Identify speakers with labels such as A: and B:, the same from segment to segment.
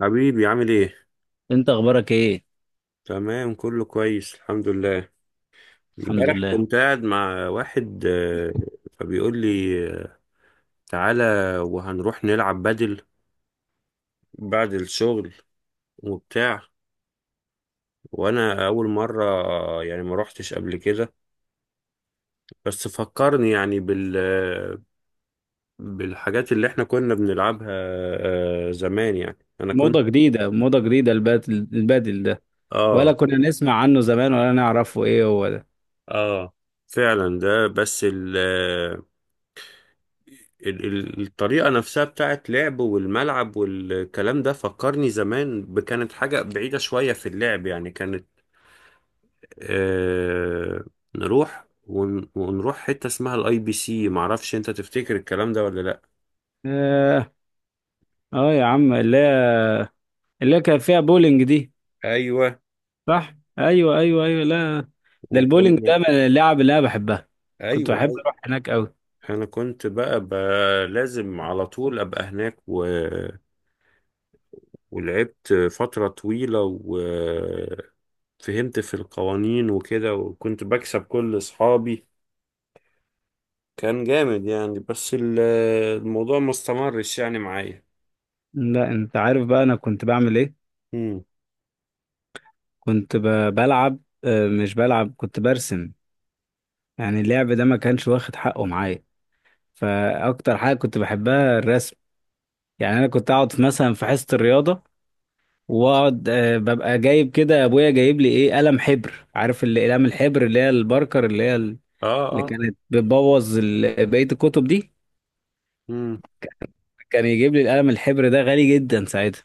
A: حبيبي عامل ايه؟
B: انت اخبارك ايه؟
A: تمام، كله كويس الحمد لله.
B: الحمد
A: امبارح
B: لله.
A: كنت قاعد مع واحد، فبيقول لي، آه، تعالى وهنروح نلعب بدل بعد الشغل وبتاع. وانا اول مرة يعني ما روحتش قبل كده، بس فكرني يعني بالحاجات اللي احنا كنا بنلعبها زمان، يعني انا كنت.
B: موضة جديدة موضة جديدة، البادل البادل ده. ولا
A: اه،
B: كنا نسمع عنه زمان، ولا نعرفه ايه هو ده؟
A: اه، فعلا ده. بس الطريقة نفسها بتاعت لعب والملعب والكلام ده فكرني زمان. كانت حاجة بعيدة شوية في اللعب، يعني كانت. آه ونروح حتة اسمها الاي بي سي. معرفش انت تفتكر الكلام ده ولا لا؟
B: اه، اه يا عم، اللي هي كان فيها بولينج دي.
A: ايوه،
B: صح، ايوه ايوه ايوه. لا، ده البولينج
A: وكنا،
B: ده من اللعب اللي انا بحبها. كنت
A: ايوه،
B: بحب
A: ايوه.
B: اروح هناك قوي.
A: انا كنت بقى لازم على طول ابقى هناك ولعبت فترة طويلة، وفهمت في القوانين وكده، وكنت بكسب كل اصحابي. كان جامد يعني، بس الموضوع ما استمرش يعني معايا.
B: لا انت عارف بقى انا كنت بعمل ايه.
A: امم.
B: كنت بلعب. مش بلعب، كنت برسم. يعني اللعب ده ما كانش واخد حقه معايا، فاكتر حاجة كنت بحبها الرسم. يعني انا كنت اقعد في مثلا في حصه الرياضه، واقعد ببقى جايب كده، ابويا جايب لي ايه؟ قلم حبر. عارف اللي اقلام الحبر اللي هي الباركر، اللي هي
A: اه،
B: اللي
A: اه.
B: كانت بتبوظ بقيه الكتب دي.
A: امم.
B: كان يجيب لي القلم الحبر ده، غالي جدا ساعتها.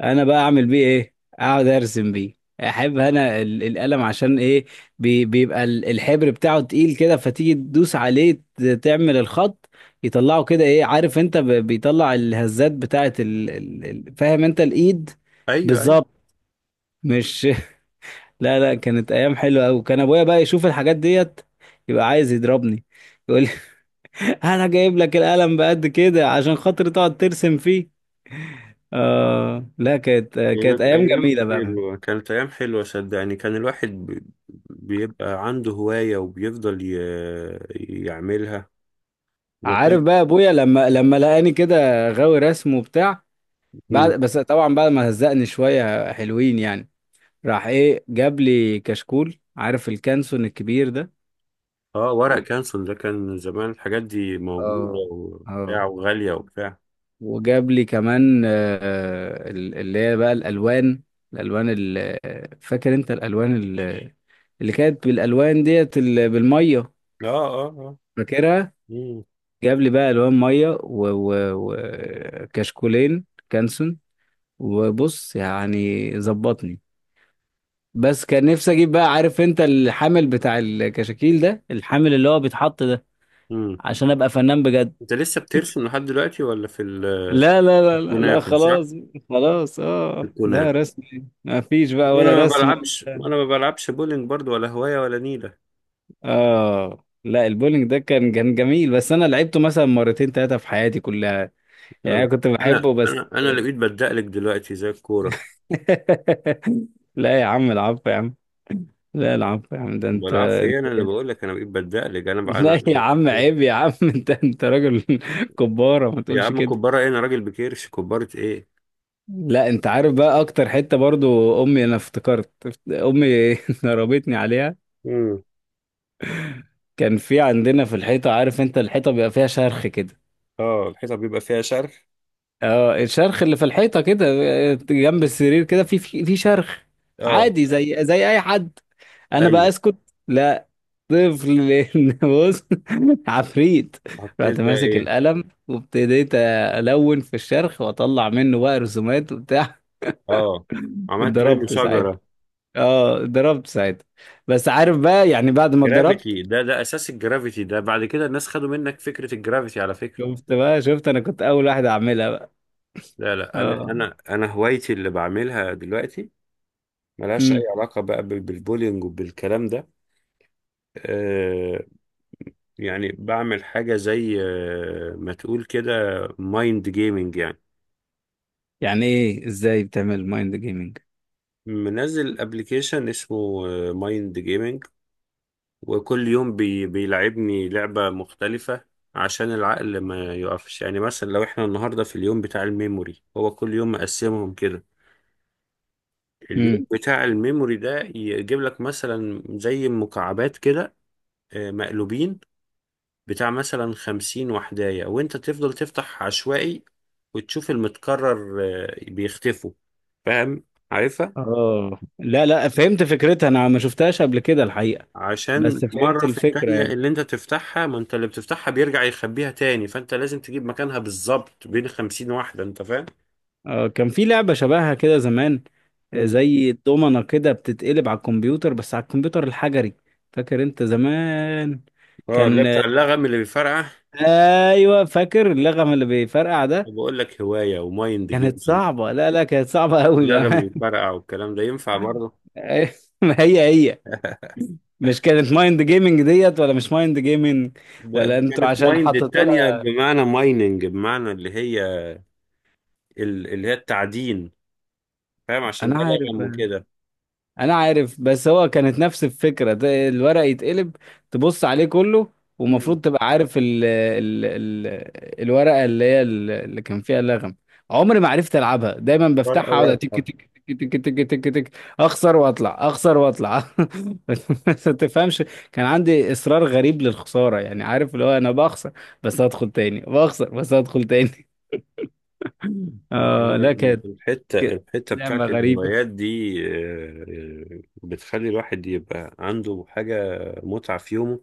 B: انا بقى اعمل بيه ايه؟ اقعد ارسم بيه. احب انا القلم عشان ايه؟ بيبقى الحبر بتاعه تقيل كده، فتيجي تدوس عليه، تعمل الخط يطلعه كده، ايه؟ عارف انت، بيطلع الهزات بتاعه فاهم انت الايد.
A: ايوه، ايوه.
B: بالظبط، مش لا لا، كانت ايام حلوه قوي. كان ابويا بقى يشوف الحاجات ديت، يبقى عايز يضربني، يقول لي انا جايب لك القلم بقد كده عشان خاطر تقعد ترسم فيه؟ اه لا، كانت
A: كانت
B: ايام
A: ايام
B: جميله بقى.
A: حلوه، كانت ايام حلوه، صدقني. كان الواحد بيبقى عنده هوايه وبيفضل يعملها
B: عارف
A: وكان.
B: بقى ابويا لما لقاني كده غاوي رسم وبتاع،
A: مم.
B: بعد بس طبعا بعد ما هزقني شويه حلوين يعني، راح ايه؟ جاب لي كشكول، عارف الكانسون الكبير ده؟
A: اه، ورق
B: و-
A: كانسون ده كان زمان، الحاجات دي موجوده
B: اه،
A: وبتاع
B: اه.
A: وغاليه وبتاع.
B: وجاب لي كمان اللي هي بقى الالوان، الالوان فاكر انت الالوان اللي كانت بالالوان ديت بالميه؟
A: اه، اه، اه.
B: فاكرها؟
A: امم.
B: جاب لي بقى الوان ميه وكشكولين كانسون، وبص يعني ظبطني. بس كان نفسي اجيب بقى، عارف انت الحامل بتاع الكشاكيل ده؟ الحامل اللي هو بيتحط ده،
A: امم.
B: عشان ابقى فنان بجد.
A: انت لسه بترسم لحد دلوقتي ولا في
B: لا لا لا لا لا،
A: الكنافه، صح؟
B: خلاص. خلاص اه، ده
A: الكنافه.
B: رسم ما فيش بقى،
A: وانا
B: ولا
A: ما
B: رسم ولا
A: بلعبش
B: بتاع.
A: وانا ما بلعبش بولينج برضو، ولا هواية ولا نيلة.
B: اه لا، البولينج ده كان جميل، بس انا لعبته مثلا مرتين ثلاثة في حياتي كلها،
A: لا،
B: يعني انا
A: لا،
B: كنت
A: انا
B: بحبه بس.
A: انا انا اللي بقيت بدقلك دلوقتي زي الكورة.
B: لا يا عم، العفو يا عم. لا العفو يا عم، ده انت.
A: بلعب في ايه؟ انا اللي بقول لك انا بقيت بدقلك، انا بقى انا.
B: لا يا عم، عيب يا عم. انت راجل. كبارة، ما
A: يا
B: تقولش
A: عم،
B: كده.
A: كبارة ايه؟ انا راجل بكيرش، كبارة ايه؟
B: لا انت عارف بقى، اكتر حتة برضو امي، انا افتكرت امي ضربتني عليها.
A: امم.
B: كان في عندنا في الحيطة، عارف انت الحيطة بيبقى فيها شرخ كده؟
A: اه، الحيطة بيبقى فيها شرخ.
B: اه الشرخ اللي في الحيطة كده، اه، جنب السرير كده، في شرخ.
A: اه،
B: عادي، زي اي حد. انا بقى
A: ايوه.
B: اسكت؟ لا، طفل بص، عفريت.
A: حطيت
B: رحت
A: بقى
B: ماسك
A: ايه؟
B: القلم وابتديت الون في الشرح، واطلع منه بقى رسومات وبتاع.
A: اه، عملت منه
B: اتضربت ساعتها.
A: شجرة.
B: اه، اتضربت ساعتها. بس عارف بقى يعني، بعد ما اتضربت،
A: جرافيتي ده اساس الجرافيتي ده، بعد كده الناس خدوا منك فكرة الجرافيتي، على فكرة.
B: شفت بقى، شفت انا كنت اول واحد اعملها بقى.
A: لا، لا، انا
B: اه.
A: انا انا هوايتي اللي بعملها دلوقتي ملهاش أي
B: امم.
A: علاقة بقى بالبولينج وبالكلام ده. آه، يعني بعمل حاجة زي، ما تقول كده، مايند جيمنج يعني.
B: يعني ايه؟ ازاي بتعمل مايند جيمنج؟
A: منزل ابلكيشن اسمه مايند جيمنج، وكل يوم بيلعبني لعبة مختلفة عشان العقل ما يقفش. يعني مثلا لو احنا النهاردة في اليوم بتاع الميموري، هو كل يوم مقسمهم كده،
B: امم.
A: اليوم بتاع الميموري ده يجيب لك مثلا زي مكعبات كده مقلوبين، بتاع مثلا 51، وانت تفضل تفتح عشوائي وتشوف المتكرر بيختفوا، فاهم؟ عارفها،
B: اه، لا لا، فهمت فكرتها. انا ما شفتهاش قبل كده الحقيقة،
A: عشان
B: بس
A: مرة
B: فهمت
A: في
B: الفكرة
A: التانية
B: يعني.
A: اللي انت تفتحها، ما انت اللي بتفتحها بيرجع يخبيها تاني، فانت لازم تجيب مكانها بالظبط بين 51، انت فاهم.
B: كان في لعبة شبهها كده زمان،
A: مم.
B: زي الدومنة كده بتتقلب على الكمبيوتر، بس على الكمبيوتر الحجري. فاكر انت زمان؟
A: اه، اللي
B: كان
A: بتاع اللغم اللي بيفرقع،
B: ايوه، فاكر اللغم اللي بيفرقع ده.
A: وبقول لك هواية ومايند
B: كانت
A: جيم.
B: صعبة، لا لا، كانت صعبة قوي
A: اللغم
B: بقى.
A: بيفرقع والكلام ده ينفع برضه.
B: ما هي هي، مش كانت مايند جيمنج ديت؟ ولا مش مايند جيمنج
A: ده،
B: ولا
A: دي
B: انتوا
A: كانت
B: عشان
A: مايند
B: حطيتوا
A: التانية،
B: لها؟
A: بمعنى مايننج، بمعنى اللي هي اللي هي التعدين، فاهم؟ عشان ده
B: انا عارف.
A: لغم وكده.
B: انا عارف، بس هو كانت نفس الفكره، ده الورق يتقلب، تبص عليه كله،
A: مم.
B: ومفروض تبقى عارف ال ال ال الورقه اللي هي اللي كان فيها اللغم. عمري ما عرفت العبها، دايما
A: فرق
B: بفتحها اقعد، تك
A: الرابحة.
B: تك تك تك تك تك تك، اخسر واطلع، اخسر واطلع. بس ما تفهمش، كان عندي اصرار غريب للخساره يعني، عارف اللي هو انا بخسر بس هدخل تاني، بخسر بس هدخل تاني. اه
A: يعني
B: لا، كانت
A: الحتة
B: كانت
A: الحتة
B: لعبه
A: بتاعت
B: غريبه.
A: الهوايات دي، بتخلي الواحد يبقى عنده حاجة، متعة في يومه،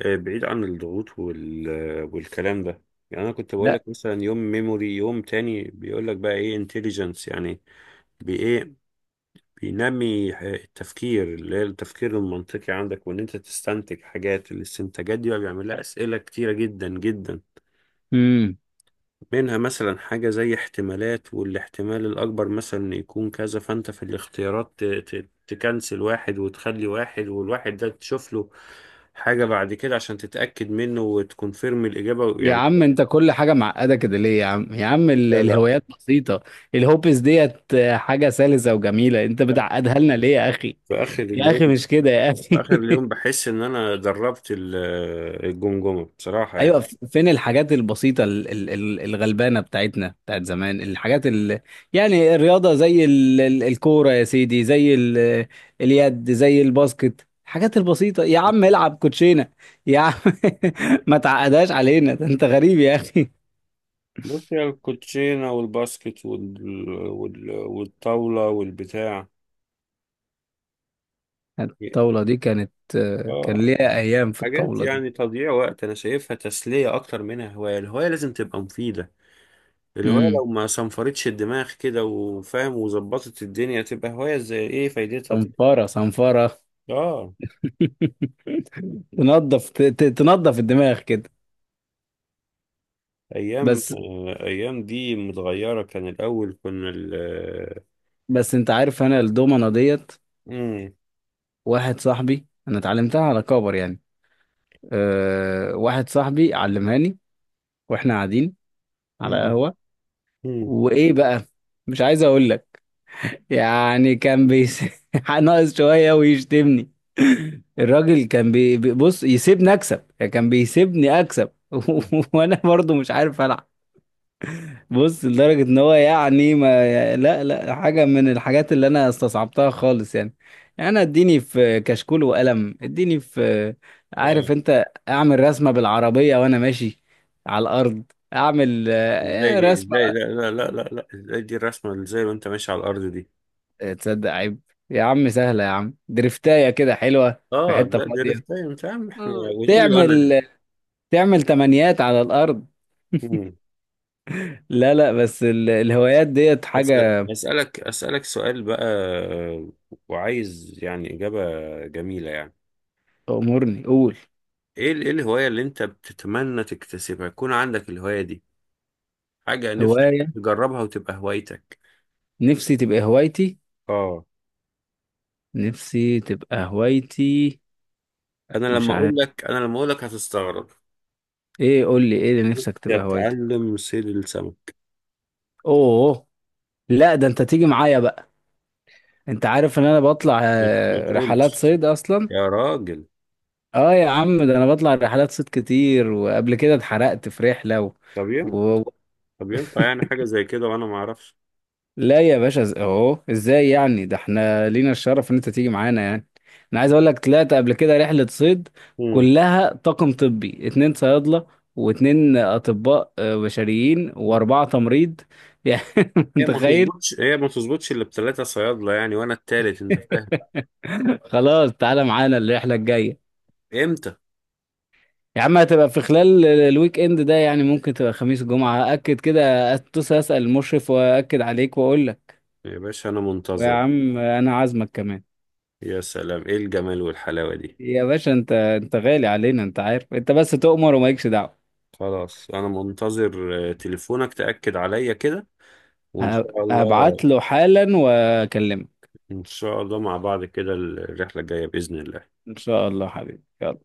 A: بعيد عن الضغوط والكلام ده. يعني أنا كنت بقول لك مثلا يوم ميموري، يوم تاني بيقول لك بقى إيه؟ انتليجنس يعني، بإيه؟ بينمي التفكير، اللي هي التفكير المنطقي عندك، وإن أنت تستنتج حاجات. الاستنتاجات دي بقى بيعمل لها أسئلة كتيرة جدا جدا،
B: لا
A: منها مثلا حاجة زي احتمالات، والاحتمال الأكبر مثلا إن يكون كذا، فأنت في الاختيارات تكنسل واحد وتخلي واحد، والواحد ده تشوف له حاجة بعد كده عشان تتأكد منه وتكونفيرم الإجابة
B: يا
A: يعني.
B: عم، انت كل حاجة معقدة كده ليه يا عم؟ يا عم
A: لا، لا،
B: الهوايات بسيطة، الهوبس ديت حاجة سلسة وجميلة، انت
A: لا،
B: بتعقدها لنا ليه يا اخي؟
A: في آخر
B: يا
A: اليوم
B: اخي مش كده يا
A: في
B: اخي.
A: آخر اليوم بحس إن أنا دربت الجمجمة، بصراحة
B: ايوه،
A: يعني.
B: فين الحاجات البسيطة الغلبانة بتاعتنا بتاعت زمان، الحاجات يعني الرياضة زي الكورة يا سيدي، زي اليد، زي الباسكت. الحاجات البسيطة يا عم، العب كوتشينة يا عم. ما تعقدهاش علينا، ده انت غريب يا اخي.
A: بص يا، الكوتشينة والباسكت والطاولة والبتاع
B: الطاولة دي كانت كان
A: آه،
B: ليها أيام في
A: حاجات
B: الطاولة دي.
A: يعني تضييع وقت، انا شايفها تسلية اكتر منها هواية. الهواية لازم تبقى مفيدة، الهواية
B: امم.
A: لو ما صنفرتش الدماغ كده وفاهم وظبطت الدنيا، تبقى هواية زي ايه؟ فايدتها طيب؟
B: صنفرة صنفرة.
A: اه،
B: تنظف، تنظف الدماغ كده.
A: ايام
B: بس،
A: ايام دي متغيرة، كان الاول كنا ال آه،
B: بس أنت عارف أنا الدومنة ديت،
A: مم،
B: واحد صاحبي أنا اتعلمتها على كبر يعني. أه، واحد صاحبي علمهاني وإحنا قاعدين على
A: مم،
B: قهوة،
A: مم،
B: وإيه بقى، مش عايز أقول لك، يعني كان بيس ناقص شوية ويشتمني. الراجل كان بص، يسيبني اكسب، يعني كان بيسيبني اكسب.
A: مم.
B: وانا برضو مش عارف العب. بص لدرجة ان هو يعني ما، لا لا حاجة من الحاجات اللي انا استصعبتها خالص يعني، يعني انا اديني في كشكول وقلم، اديني في،
A: آه،
B: عارف انت، اعمل رسمة بالعربية وانا ماشي على الارض، اعمل
A: ازاي دي؟
B: رسمة.
A: ازاي؟ لا، لا، لا، لا، لا، ازاي دي الرسمة؟ ازاي وانت ماشي على الارض دي؟
B: تصدق؟ عيب يا عم، سهلة يا عم، درفتاية كده حلوة في
A: اه،
B: حتة
A: ده
B: فاضية،
A: ريفتايم، فاهم احنا، وتقول لي وانا.
B: تعمل تعمل تمانيات على الأرض.
A: مم.
B: لا لا، بس الهوايات ديت
A: بس
B: حاجة.
A: أسألك سؤال بقى، وعايز يعني إجابة جميلة يعني.
B: أمورني، قول.
A: إيه الهواية اللي أنت بتتمنى تكتسبها، يكون عندك الهواية دي، حاجة نفسك
B: هواية
A: تجربها وتبقى هوايتك؟
B: نفسي تبقى هوايتي،
A: آه
B: نفسي تبقى هوايتي.
A: أنا
B: مش
A: لما أقول
B: عارف
A: لك أنا لما أقول لك هتستغرب.
B: ايه، قول لي ايه اللي نفسك
A: نفسي
B: تبقى هوايتك.
A: أتعلم صيد السمك.
B: اوه، لا، ده انت تيجي معايا بقى، انت عارف ان انا بطلع
A: ما
B: رحلات
A: تقولش،
B: صيد اصلا.
A: يا راجل.
B: اه يا عم، ده انا بطلع رحلات صيد كتير، وقبل كده اتحرقت في رحلة
A: طب ينفع
B: و...
A: طب ينفع يعني حاجة زي كده وأنا ما أعرفش؟
B: لا يا باشا، اهو ازاي يعني؟ ده احنا لينا الشرف ان انت تيجي معانا يعني. انا عايز اقول لك، طلعت قبل كده رحلة صيد،
A: مم.
B: كلها طاقم طبي، 2 صيادلة و2 اطباء بشريين، و4 تمريض يعني
A: هي ما
B: متخيل؟
A: تظبطش هي ما تظبطش إلا بتلاتة صيادلة يعني، وأنا التالت، أنت فاهم.
B: خلاص تعالى معانا الرحلة الجاية.
A: إمتى؟
B: يا عم هتبقى في خلال الويك اند ده، يعني ممكن تبقى خميس جمعة. اكد كده، اتصل اسأل المشرف واكد عليك واقول لك.
A: يا باشا، أنا
B: ويا
A: منتظر.
B: عم انا عازمك كمان.
A: يا سلام، إيه الجمال والحلاوة دي!
B: يا باشا انت غالي علينا، انت عارف، انت بس تؤمر ومالكش دعوة.
A: خلاص، أنا منتظر تليفونك تأكد عليا كده، وإن شاء الله.
B: هبعت له حالا واكلمك.
A: إن شاء الله مع بعض كده الرحلة الجاية بإذن الله.
B: ان شاء الله حبيبي، يلا.